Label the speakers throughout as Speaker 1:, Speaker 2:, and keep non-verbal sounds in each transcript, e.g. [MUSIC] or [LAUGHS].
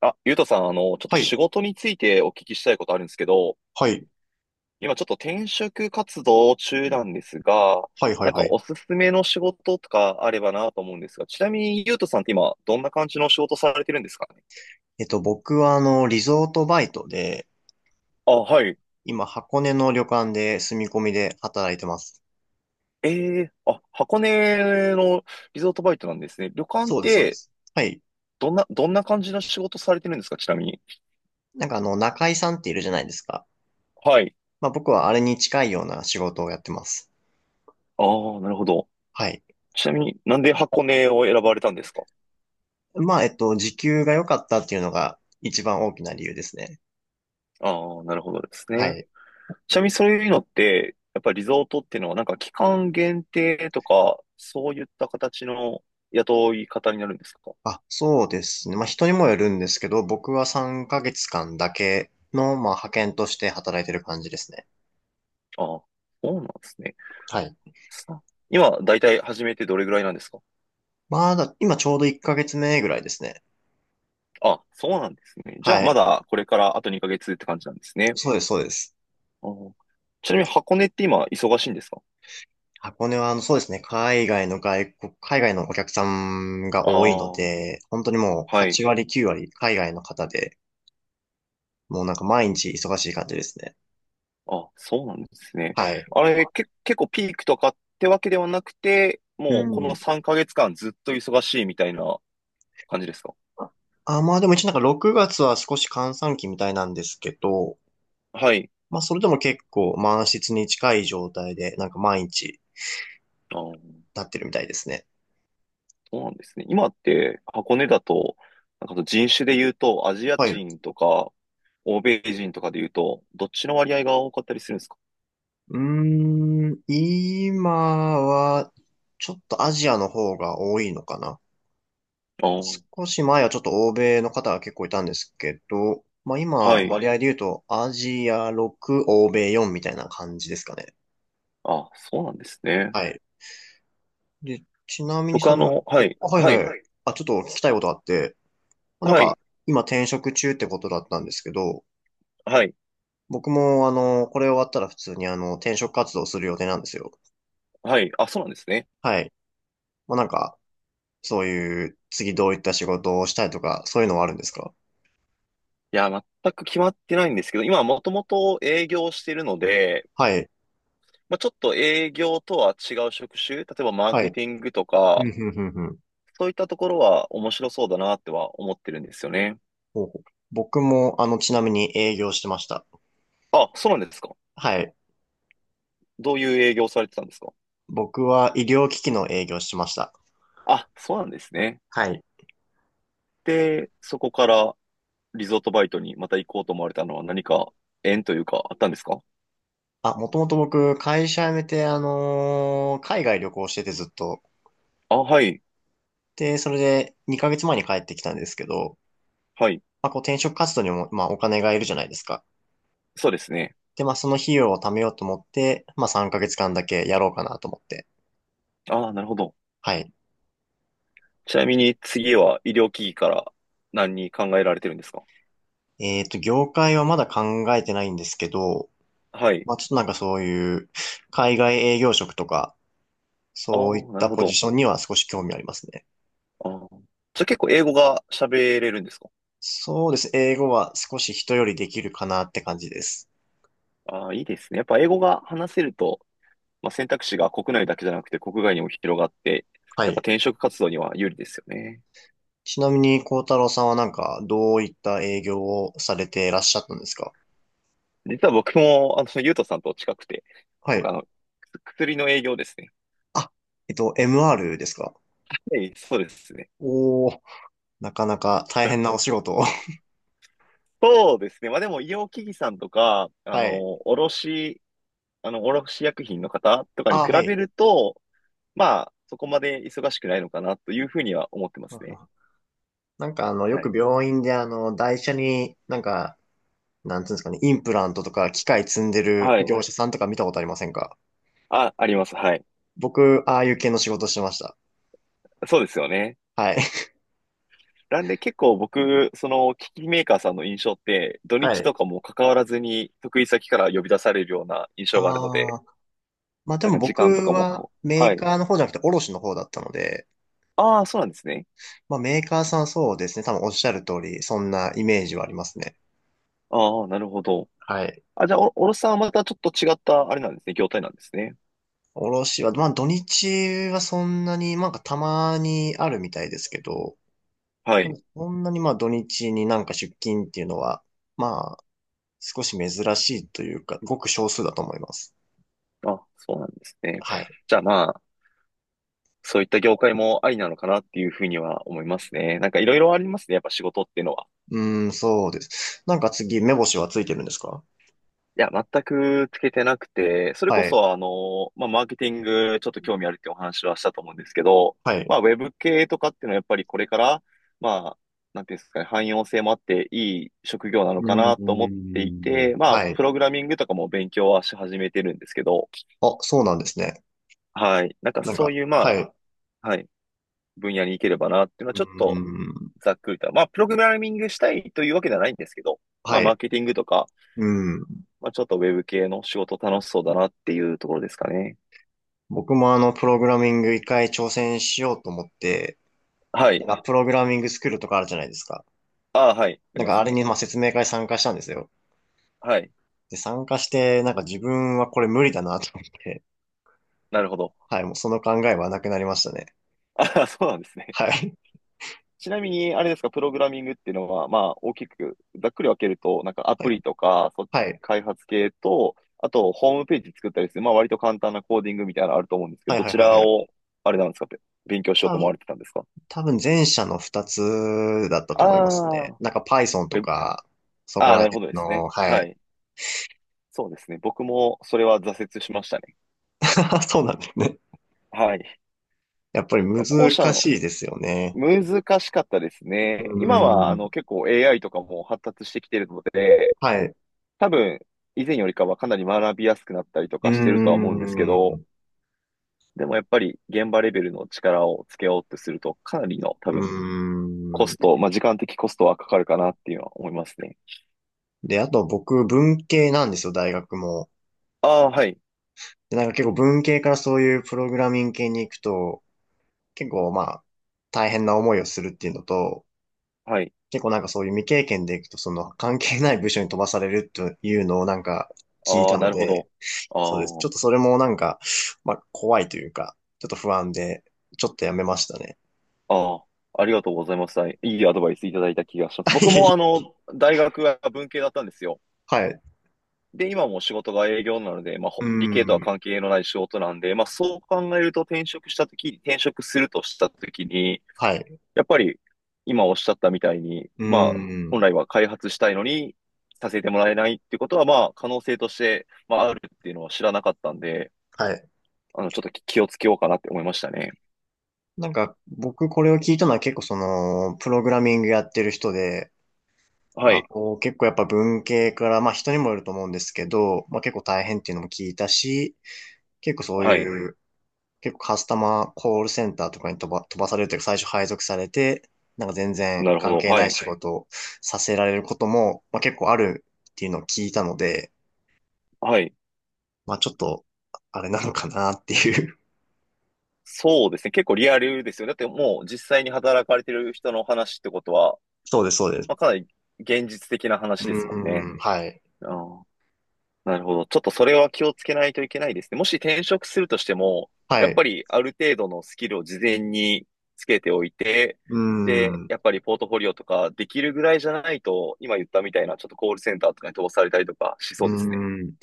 Speaker 1: あ、ゆうとさん、ちょっと
Speaker 2: はい、
Speaker 1: 仕事についてお聞きしたいことあるんですけど、
Speaker 2: はい、
Speaker 1: 今ちょっと転職活動中なんですが、
Speaker 2: はい、はい、
Speaker 1: なんか
Speaker 2: はい。
Speaker 1: おすすめの仕事とかあればなと思うんですが、ちなみにゆうとさんって今、どんな感じの仕事されてるんですかね？
Speaker 2: 僕はリゾートバイトで、
Speaker 1: あ、はい。
Speaker 2: 今、箱根の旅館で住み込みで働いてます。
Speaker 1: ええあ、箱根のリゾートバイトなんですね。旅館っ
Speaker 2: そうです、そうで
Speaker 1: て、
Speaker 2: す。はい。
Speaker 1: どんな感じの仕事されてるんですかちなみに。
Speaker 2: なんか中井さんっているじゃないですか。
Speaker 1: はい。
Speaker 2: まあ僕はあれに近いような仕事をやってます。
Speaker 1: ああ、なるほど。
Speaker 2: はい。
Speaker 1: ちなみになんで箱根を選ばれたんですか？
Speaker 2: まあ、時給が良かったっていうのが一番大きな理由ですね。
Speaker 1: ああー、なるほどです
Speaker 2: は
Speaker 1: ね。
Speaker 2: い。
Speaker 1: ちなみにそういうのって、やっぱりリゾートっていうのはなんか期間限定とか、そういった形の雇い方になるんですか？
Speaker 2: あ、そうですね。まあ人にもよるんですけど、僕は3ヶ月間だけの、まあ派遣として働いてる感じですね。
Speaker 1: ああ、そうなんですね。
Speaker 2: はい。
Speaker 1: さ今、だいたい始めてどれぐらいなんですか？
Speaker 2: まあだ、今ちょうど1ヶ月目ぐらいですね。
Speaker 1: あ、そうなんですね。じゃあ
Speaker 2: は
Speaker 1: ま
Speaker 2: い。
Speaker 1: だこれからあと2ヶ月って感じなんですね。
Speaker 2: そうです、そうです。
Speaker 1: ああ。ちなみに箱根って今忙しいんですか？
Speaker 2: 箱根は、そうですね。海外のお客さんが
Speaker 1: あ
Speaker 2: 多いの
Speaker 1: あ、
Speaker 2: で、本当にもう
Speaker 1: はい。
Speaker 2: 8割、9割海外の方で、もうなんか毎日忙しい感じですね。
Speaker 1: あ、そうなんですね。
Speaker 2: はい。
Speaker 1: あれ、結構ピークとかってわけではなくて、
Speaker 2: う
Speaker 1: もうこの
Speaker 2: ん。
Speaker 1: 3ヶ月間ずっと忙しいみたいな感じですか？
Speaker 2: あ、まあでも一応なんか6月は少し閑散期みたいなんですけど、
Speaker 1: はい。
Speaker 2: まあそれでも結構満室に近い状態で、なんか毎日
Speaker 1: あー、
Speaker 2: なってるみたいですね。
Speaker 1: そうなんですね。今って箱根だと、なんかその人種で言うと、アジア
Speaker 2: はい。う
Speaker 1: 人とか、欧米人とかで言うと、どっちの割合が多かったりするんですか？
Speaker 2: ーん、今は、ちょっとアジアの方が多いのかな。
Speaker 1: あー、
Speaker 2: 少し前はちょっと欧米の方が結構いたんですけど、まあ今
Speaker 1: は
Speaker 2: は、
Speaker 1: い。
Speaker 2: 割合い。合で言うと、アジア6、欧米4みたいな感じですかね。
Speaker 1: あ、そうなんですね。
Speaker 2: はい。で、ちなみに
Speaker 1: 僕はい、
Speaker 2: あ、はい
Speaker 1: は
Speaker 2: はい。
Speaker 1: い、
Speaker 2: はい、ちょっと聞きたいことがあって、まあなん
Speaker 1: は
Speaker 2: か、
Speaker 1: い、
Speaker 2: 今転職中ってことだったんですけど、
Speaker 1: はい、
Speaker 2: 僕もこれ終わったら普通に転職活動する予定なんですよ。
Speaker 1: はい。あ、そうなんですね。
Speaker 2: はい。まあなんか、そういう、次どういった仕事をしたいとか、そういうのはあるんですか？
Speaker 1: いや、全く決まってないんですけど、今はもともと営業してるので、
Speaker 2: はい。
Speaker 1: まあ、ちょっと営業とは違う職種、例えばマー
Speaker 2: は
Speaker 1: ケ
Speaker 2: い。
Speaker 1: ティングと
Speaker 2: うん
Speaker 1: か、
Speaker 2: うんうん。
Speaker 1: そういったところは面白そうだなっては思ってるんですよね。
Speaker 2: ほうほう。僕も、ちなみに営業してました。
Speaker 1: あ、そうなんですか。
Speaker 2: はい。
Speaker 1: どういう営業をされてたんですか？
Speaker 2: 僕は医療機器の営業してました。
Speaker 1: あ、そうなんですね。
Speaker 2: はい。
Speaker 1: で、そこからリゾートバイトにまた行こうと思われたのは何か縁というかあったんですか？
Speaker 2: あ、もともと僕、会社辞めて、海外旅行しててずっと。
Speaker 1: あ、はい、
Speaker 2: で、それで2ヶ月前に帰ってきたんですけど、
Speaker 1: はい。
Speaker 2: まあ、こう転職活動にも、まあ、お金がいるじゃないですか。
Speaker 1: そうですね。
Speaker 2: で、まあ、その費用を貯めようと思って、まあ、3ヶ月間だけやろうかなと思って。
Speaker 1: あ、なるほど。
Speaker 2: はい。
Speaker 1: ちなみに次は医療機器から何に考えられてるんですか？
Speaker 2: 業界はまだ考えてないんですけど、
Speaker 1: はい。
Speaker 2: まあ、ちょっとなんかそういう、海外営業職とか、
Speaker 1: あ
Speaker 2: そういっ
Speaker 1: あ、なる
Speaker 2: た
Speaker 1: ほ
Speaker 2: ポジ
Speaker 1: ど。
Speaker 2: ションには少し興味ありますね。
Speaker 1: あー、じゃあ結構英語が喋れるんですか？
Speaker 2: そうです。英語は少し人よりできるかなって感じです。
Speaker 1: ああ、いいですね。やっぱ英語が話せると、まあ、選択肢が国内だけじゃなくて国外にも広がって、
Speaker 2: は
Speaker 1: やっぱ
Speaker 2: い。
Speaker 1: 転職活動には有利ですよね。
Speaker 2: ちなみに、幸太郎さんはなんか、どういった営業をされていらっしゃったんですか？
Speaker 1: 実は僕も、ゆうとさんと近くて、
Speaker 2: は
Speaker 1: 僕
Speaker 2: い。
Speaker 1: 薬の営業ですね。
Speaker 2: あ、MR ですか？
Speaker 1: ええ、そうですね。
Speaker 2: おー、なかなか大変なお仕事を。[LAUGHS]
Speaker 1: そうですね。まあでも、医療機器さんとか、
Speaker 2: はい。
Speaker 1: 卸薬品の方とかに比
Speaker 2: あ、はい。
Speaker 1: べると、まあ、そこまで忙しくないのかなというふうには思ってますね。
Speaker 2: [LAUGHS] なんかよ
Speaker 1: はい。
Speaker 2: く病院で台車になんか、なんていうんですかね、インプラントとか機械積んでる
Speaker 1: はい。
Speaker 2: 業者さんとか見たことありませんか？
Speaker 1: あ、あります。はい。
Speaker 2: 僕、ああいう系の仕事してました。
Speaker 1: そうですよね。
Speaker 2: はい。
Speaker 1: なんで結構僕、機器メーカーさんの印象って、土
Speaker 2: は
Speaker 1: 日と
Speaker 2: い。
Speaker 1: かも関わらずに、得意先から呼び出されるような印象があるの
Speaker 2: あ
Speaker 1: で、
Speaker 2: あ、まあで
Speaker 1: なん
Speaker 2: も
Speaker 1: か時
Speaker 2: 僕
Speaker 1: 間とかも
Speaker 2: は
Speaker 1: こう、
Speaker 2: メ
Speaker 1: は
Speaker 2: ー
Speaker 1: い。
Speaker 2: カーの方じゃなくて卸の方だったので、
Speaker 1: ああ、そうなんですね。
Speaker 2: まあメーカーさんそうですね、多分おっしゃる通り、そんなイメージはありますね。
Speaker 1: ああ、なるほど。
Speaker 2: はい。
Speaker 1: あ、じゃあ、おろさんはまたちょっと違った、あれなんですね、業態なんですね。
Speaker 2: 卸は、まあ土日はそんなに、なんかたまにあるみたいですけど、
Speaker 1: はい。
Speaker 2: そんなにまあ土日になんか出勤っていうのは、まあ少し珍しいというか、ごく少数だと思います。
Speaker 1: あ、そうなんですね。
Speaker 2: はい。
Speaker 1: じゃあまあ、そういった業界もありなのかなっていうふうには思いますね。なんかいろいろありますね、やっぱ仕事っていうのは。
Speaker 2: うーん、そうです。なんか次、目星はついてるんですか？
Speaker 1: いや、全くつけてなくて、それ
Speaker 2: は
Speaker 1: こ
Speaker 2: い。
Speaker 1: そ、まあ、マーケティング、ちょっと興味あるってお話はしたと思うんですけど、
Speaker 2: はい。
Speaker 1: まあ、ウェブ系とかっていうのはやっぱりこれから、まあ、なんていうんですかね、汎用性もあっていい職業なの
Speaker 2: う
Speaker 1: かなと思
Speaker 2: ー
Speaker 1: ってい
Speaker 2: ん、
Speaker 1: て、まあ、
Speaker 2: はい。
Speaker 1: プログラミングとかも勉強はし始めてるんですけど、
Speaker 2: あ、そうなんですね。
Speaker 1: はい。なんか
Speaker 2: なん
Speaker 1: そう
Speaker 2: か、
Speaker 1: いう、
Speaker 2: は
Speaker 1: ま
Speaker 2: い。う
Speaker 1: あ、はい、分野に行ければなっていうのは
Speaker 2: ー
Speaker 1: ちょっと
Speaker 2: ん。
Speaker 1: ざっくりと、まあ、プログラミングしたいというわけではないんですけど、まあ、
Speaker 2: は
Speaker 1: マー
Speaker 2: い。
Speaker 1: ケティングとか、
Speaker 2: うん。
Speaker 1: まあ、ちょっとウェブ系の仕事楽しそうだなっていうところですかね。
Speaker 2: 僕もプログラミング一回挑戦しようと思って、
Speaker 1: は
Speaker 2: なん
Speaker 1: い。
Speaker 2: か、プログラミングスクールとかあるじゃないですか。
Speaker 1: ああ、はい。あ
Speaker 2: な
Speaker 1: り
Speaker 2: ん
Speaker 1: ま
Speaker 2: か、
Speaker 1: す
Speaker 2: あれ
Speaker 1: ね。
Speaker 2: に、まあ、説明会参加したんですよ。
Speaker 1: はい。
Speaker 2: で、参加して、なんか自分はこれ無理だなと思って、
Speaker 1: なるほど。
Speaker 2: はい、もうその考えはなくなりましたね。
Speaker 1: [LAUGHS] ああ、そうなんですね。
Speaker 2: はい。
Speaker 1: ちなみに、あれですか、プログラミングっていうのは、まあ、大きく、ざっくり分けると、なんかア
Speaker 2: は
Speaker 1: プ
Speaker 2: い。
Speaker 1: リとか、
Speaker 2: はい。
Speaker 1: 開発系と、あと、ホームページ作ったりする、まあ、割と簡単なコーディングみたいなのあると思うんですけ
Speaker 2: は
Speaker 1: ど、
Speaker 2: い、
Speaker 1: ど
Speaker 2: はい、
Speaker 1: ち
Speaker 2: はい。
Speaker 1: ら
Speaker 2: は
Speaker 1: を、
Speaker 2: い。
Speaker 1: あれなんですか、勉強しよ
Speaker 2: 多
Speaker 1: うと思わ
Speaker 2: 分、
Speaker 1: れてたんですか？
Speaker 2: 多分前者の二つだったと
Speaker 1: あ
Speaker 2: 思いますね。
Speaker 1: あ、
Speaker 2: なんか Python
Speaker 1: ウ
Speaker 2: と
Speaker 1: ェブ、
Speaker 2: か、そこ
Speaker 1: ああ、
Speaker 2: ら
Speaker 1: なるほ
Speaker 2: 辺
Speaker 1: どですね。
Speaker 2: の、は
Speaker 1: は
Speaker 2: い。
Speaker 1: い。そうですね。僕も、それは挫折しましたね。
Speaker 2: [LAUGHS] そうなんですね。
Speaker 1: はい。
Speaker 2: やっぱり
Speaker 1: ま
Speaker 2: 難
Speaker 1: あ後者の、
Speaker 2: しいですよね。
Speaker 1: 難しかったです
Speaker 2: う
Speaker 1: ね。今は
Speaker 2: ーん。
Speaker 1: 結構 AI とかも発達してきてるので、
Speaker 2: はい。う
Speaker 1: 多分以前よりかはかなり学びやすくなったりと
Speaker 2: ー
Speaker 1: かしてるとは思うんですけど、
Speaker 2: ん。う
Speaker 1: でもやっぱり現場レベルの力をつけようとするとかなりの多
Speaker 2: ー
Speaker 1: 分コス
Speaker 2: ん。
Speaker 1: ト、まあ、時間的コストはかかるかなっていうのは思いますね。
Speaker 2: で、あと僕、文系なんですよ、大学も。
Speaker 1: ああ、はい。
Speaker 2: で、なんか結構文系からそういうプログラミング系に行くと、結構まあ、大変な思いをするっていうのと、
Speaker 1: はい。
Speaker 2: 結構なんかそういう未経験で行くと、その関係ない部署に飛ばされるというのをなんか聞い
Speaker 1: あ
Speaker 2: た
Speaker 1: あ、
Speaker 2: の
Speaker 1: なるほ
Speaker 2: で、
Speaker 1: ど。
Speaker 2: そうです。ち
Speaker 1: あ
Speaker 2: ょっとそれもなんか、まあ、怖いというか、ちょっと不安で、ちょっとやめましたね。
Speaker 1: あ、ああ、ありがとうございます。はい、いいアドバイスいただいた気がします。僕も
Speaker 2: [LAUGHS]
Speaker 1: 大学は文系だったんですよ。
Speaker 2: はい。
Speaker 1: で、今も仕事が営業なので、まあ、
Speaker 2: うー
Speaker 1: 理系とは
Speaker 2: ん。
Speaker 1: 関係のない仕事なんで、まあ、そう考えると転職したとき、転職するとしたときに、
Speaker 2: はい。
Speaker 1: やっぱり今おっしゃったみたいに、
Speaker 2: うー
Speaker 1: まあ、本
Speaker 2: ん。
Speaker 1: 来は開発したいのにさせてもらえないっていうことは、まあ、可能性として、まあ、あるっていうのは知らなかったんで、
Speaker 2: はい。
Speaker 1: ちょっと気をつけようかなって思いましたね。
Speaker 2: なんか、僕これを聞いたのは結構その、プログラミングやってる人で、
Speaker 1: は
Speaker 2: まあ
Speaker 1: い。
Speaker 2: こう結構やっぱ文系から、まあ人にもよると思うんですけど、まあ結構大変っていうのも聞いたし、結構そう
Speaker 1: はい。
Speaker 2: いう、結構カスタマーコールセンターとかに飛ばされるというか最初配属されて、なんか全然
Speaker 1: なるほ
Speaker 2: 関
Speaker 1: ど。
Speaker 2: 係な
Speaker 1: は
Speaker 2: い
Speaker 1: い。
Speaker 2: 仕事をさせられることも、まあ結構あるっていうのを聞いたので、
Speaker 1: はい。
Speaker 2: まあちょっと、あれなのかなっていう。
Speaker 1: そうですね。結構リアルですよね。だってもう実際に働かれてる人の話ってことは、
Speaker 2: [LAUGHS] そうです、そうです。
Speaker 1: まあ、かなり現実的な話
Speaker 2: う
Speaker 1: ですもんね。
Speaker 2: ーん、はい。
Speaker 1: ああ、なるほど。ちょっとそれは気をつけないといけないですね。もし転職するとしても、や
Speaker 2: は
Speaker 1: っ
Speaker 2: い。
Speaker 1: ぱりある程度のスキルを事前につけておいて、
Speaker 2: うー
Speaker 1: で、
Speaker 2: ん。う
Speaker 1: やっぱりポートフォリオとかできるぐらいじゃないと、今言ったみたいなちょっとコールセンターとかに飛ばされたりとかし
Speaker 2: ー
Speaker 1: そうですね。
Speaker 2: ん。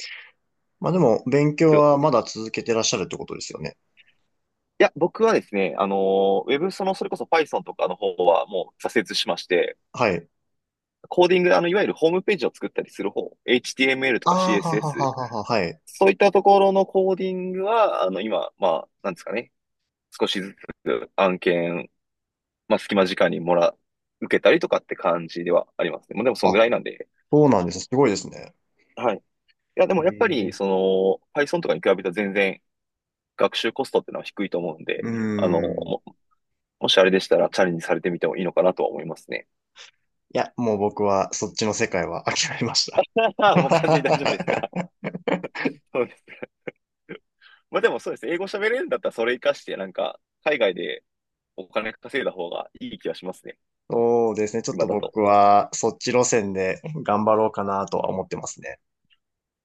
Speaker 2: まあでも、勉強
Speaker 1: きょ
Speaker 2: はまだ続けてらっしゃるってことですよね。
Speaker 1: いや、僕はですね、あのー、ウェブ、その、それこそ Python とかの方はもう挫折しまして、
Speaker 2: はい。
Speaker 1: コーディング、いわゆるホームページを作ったりする方、HTML と
Speaker 2: ああ、
Speaker 1: か
Speaker 2: はは
Speaker 1: CSS
Speaker 2: ははは、はい。
Speaker 1: そういったところのコーディングは、今、まあ、なんですかね。少しずつ案件、まあ、隙間時間に受けたりとかって感じではありますね。もうでも、
Speaker 2: あ、
Speaker 1: そんぐらいなんで。
Speaker 2: そうなんです。すごいですね。
Speaker 1: はい。いや、で
Speaker 2: え
Speaker 1: もやっぱり、
Speaker 2: え。
Speaker 1: Python とかに比べたら全然学習コストってのは低いと思うんで、
Speaker 2: う
Speaker 1: あの、
Speaker 2: ーん。い
Speaker 1: も、もしあれでしたらチャレンジされてみてもいいのかなとは思いますね。
Speaker 2: や、もう僕はそっちの世界は諦めました。
Speaker 1: [LAUGHS] ああ、もう完全に大丈夫ですか？
Speaker 2: [LAUGHS]
Speaker 1: そうです。まあでもそうです。英語喋れるんだったらそれ活かして、なんか、海外でお金稼いだ方がいい気がしますね。
Speaker 2: そうですね。ちょっ
Speaker 1: 今
Speaker 2: と
Speaker 1: だと。
Speaker 2: 僕はそっち路線で頑張ろうかなとは思ってますね。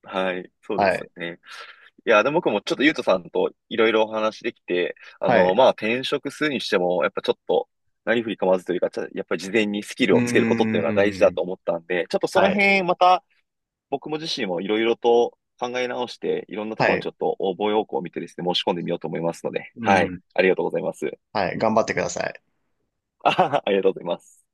Speaker 1: はい、そうで
Speaker 2: は
Speaker 1: す
Speaker 2: い。
Speaker 1: よね。いや、でも僕もちょっとゆうとさんといろいろお話できて、
Speaker 2: はい。
Speaker 1: まあ、転職するにしても、やっぱちょっと、何振り構わずというか、やっぱり事前にスキル
Speaker 2: う
Speaker 1: をつけることっていうのが大事
Speaker 2: ー
Speaker 1: だ
Speaker 2: ん。
Speaker 1: と思ったんで、ちょっとその
Speaker 2: はい。
Speaker 1: 辺、また僕も自身もいろいろと考え直して、いろんなとこ
Speaker 2: は
Speaker 1: ろにち
Speaker 2: い。
Speaker 1: ょっと応募要項を見てですね、申し込んでみようと思いますので、
Speaker 2: う
Speaker 1: はい、
Speaker 2: ん。
Speaker 1: ありがとうございます。
Speaker 2: はい。頑張ってください。
Speaker 1: [LAUGHS] ありがとうございます。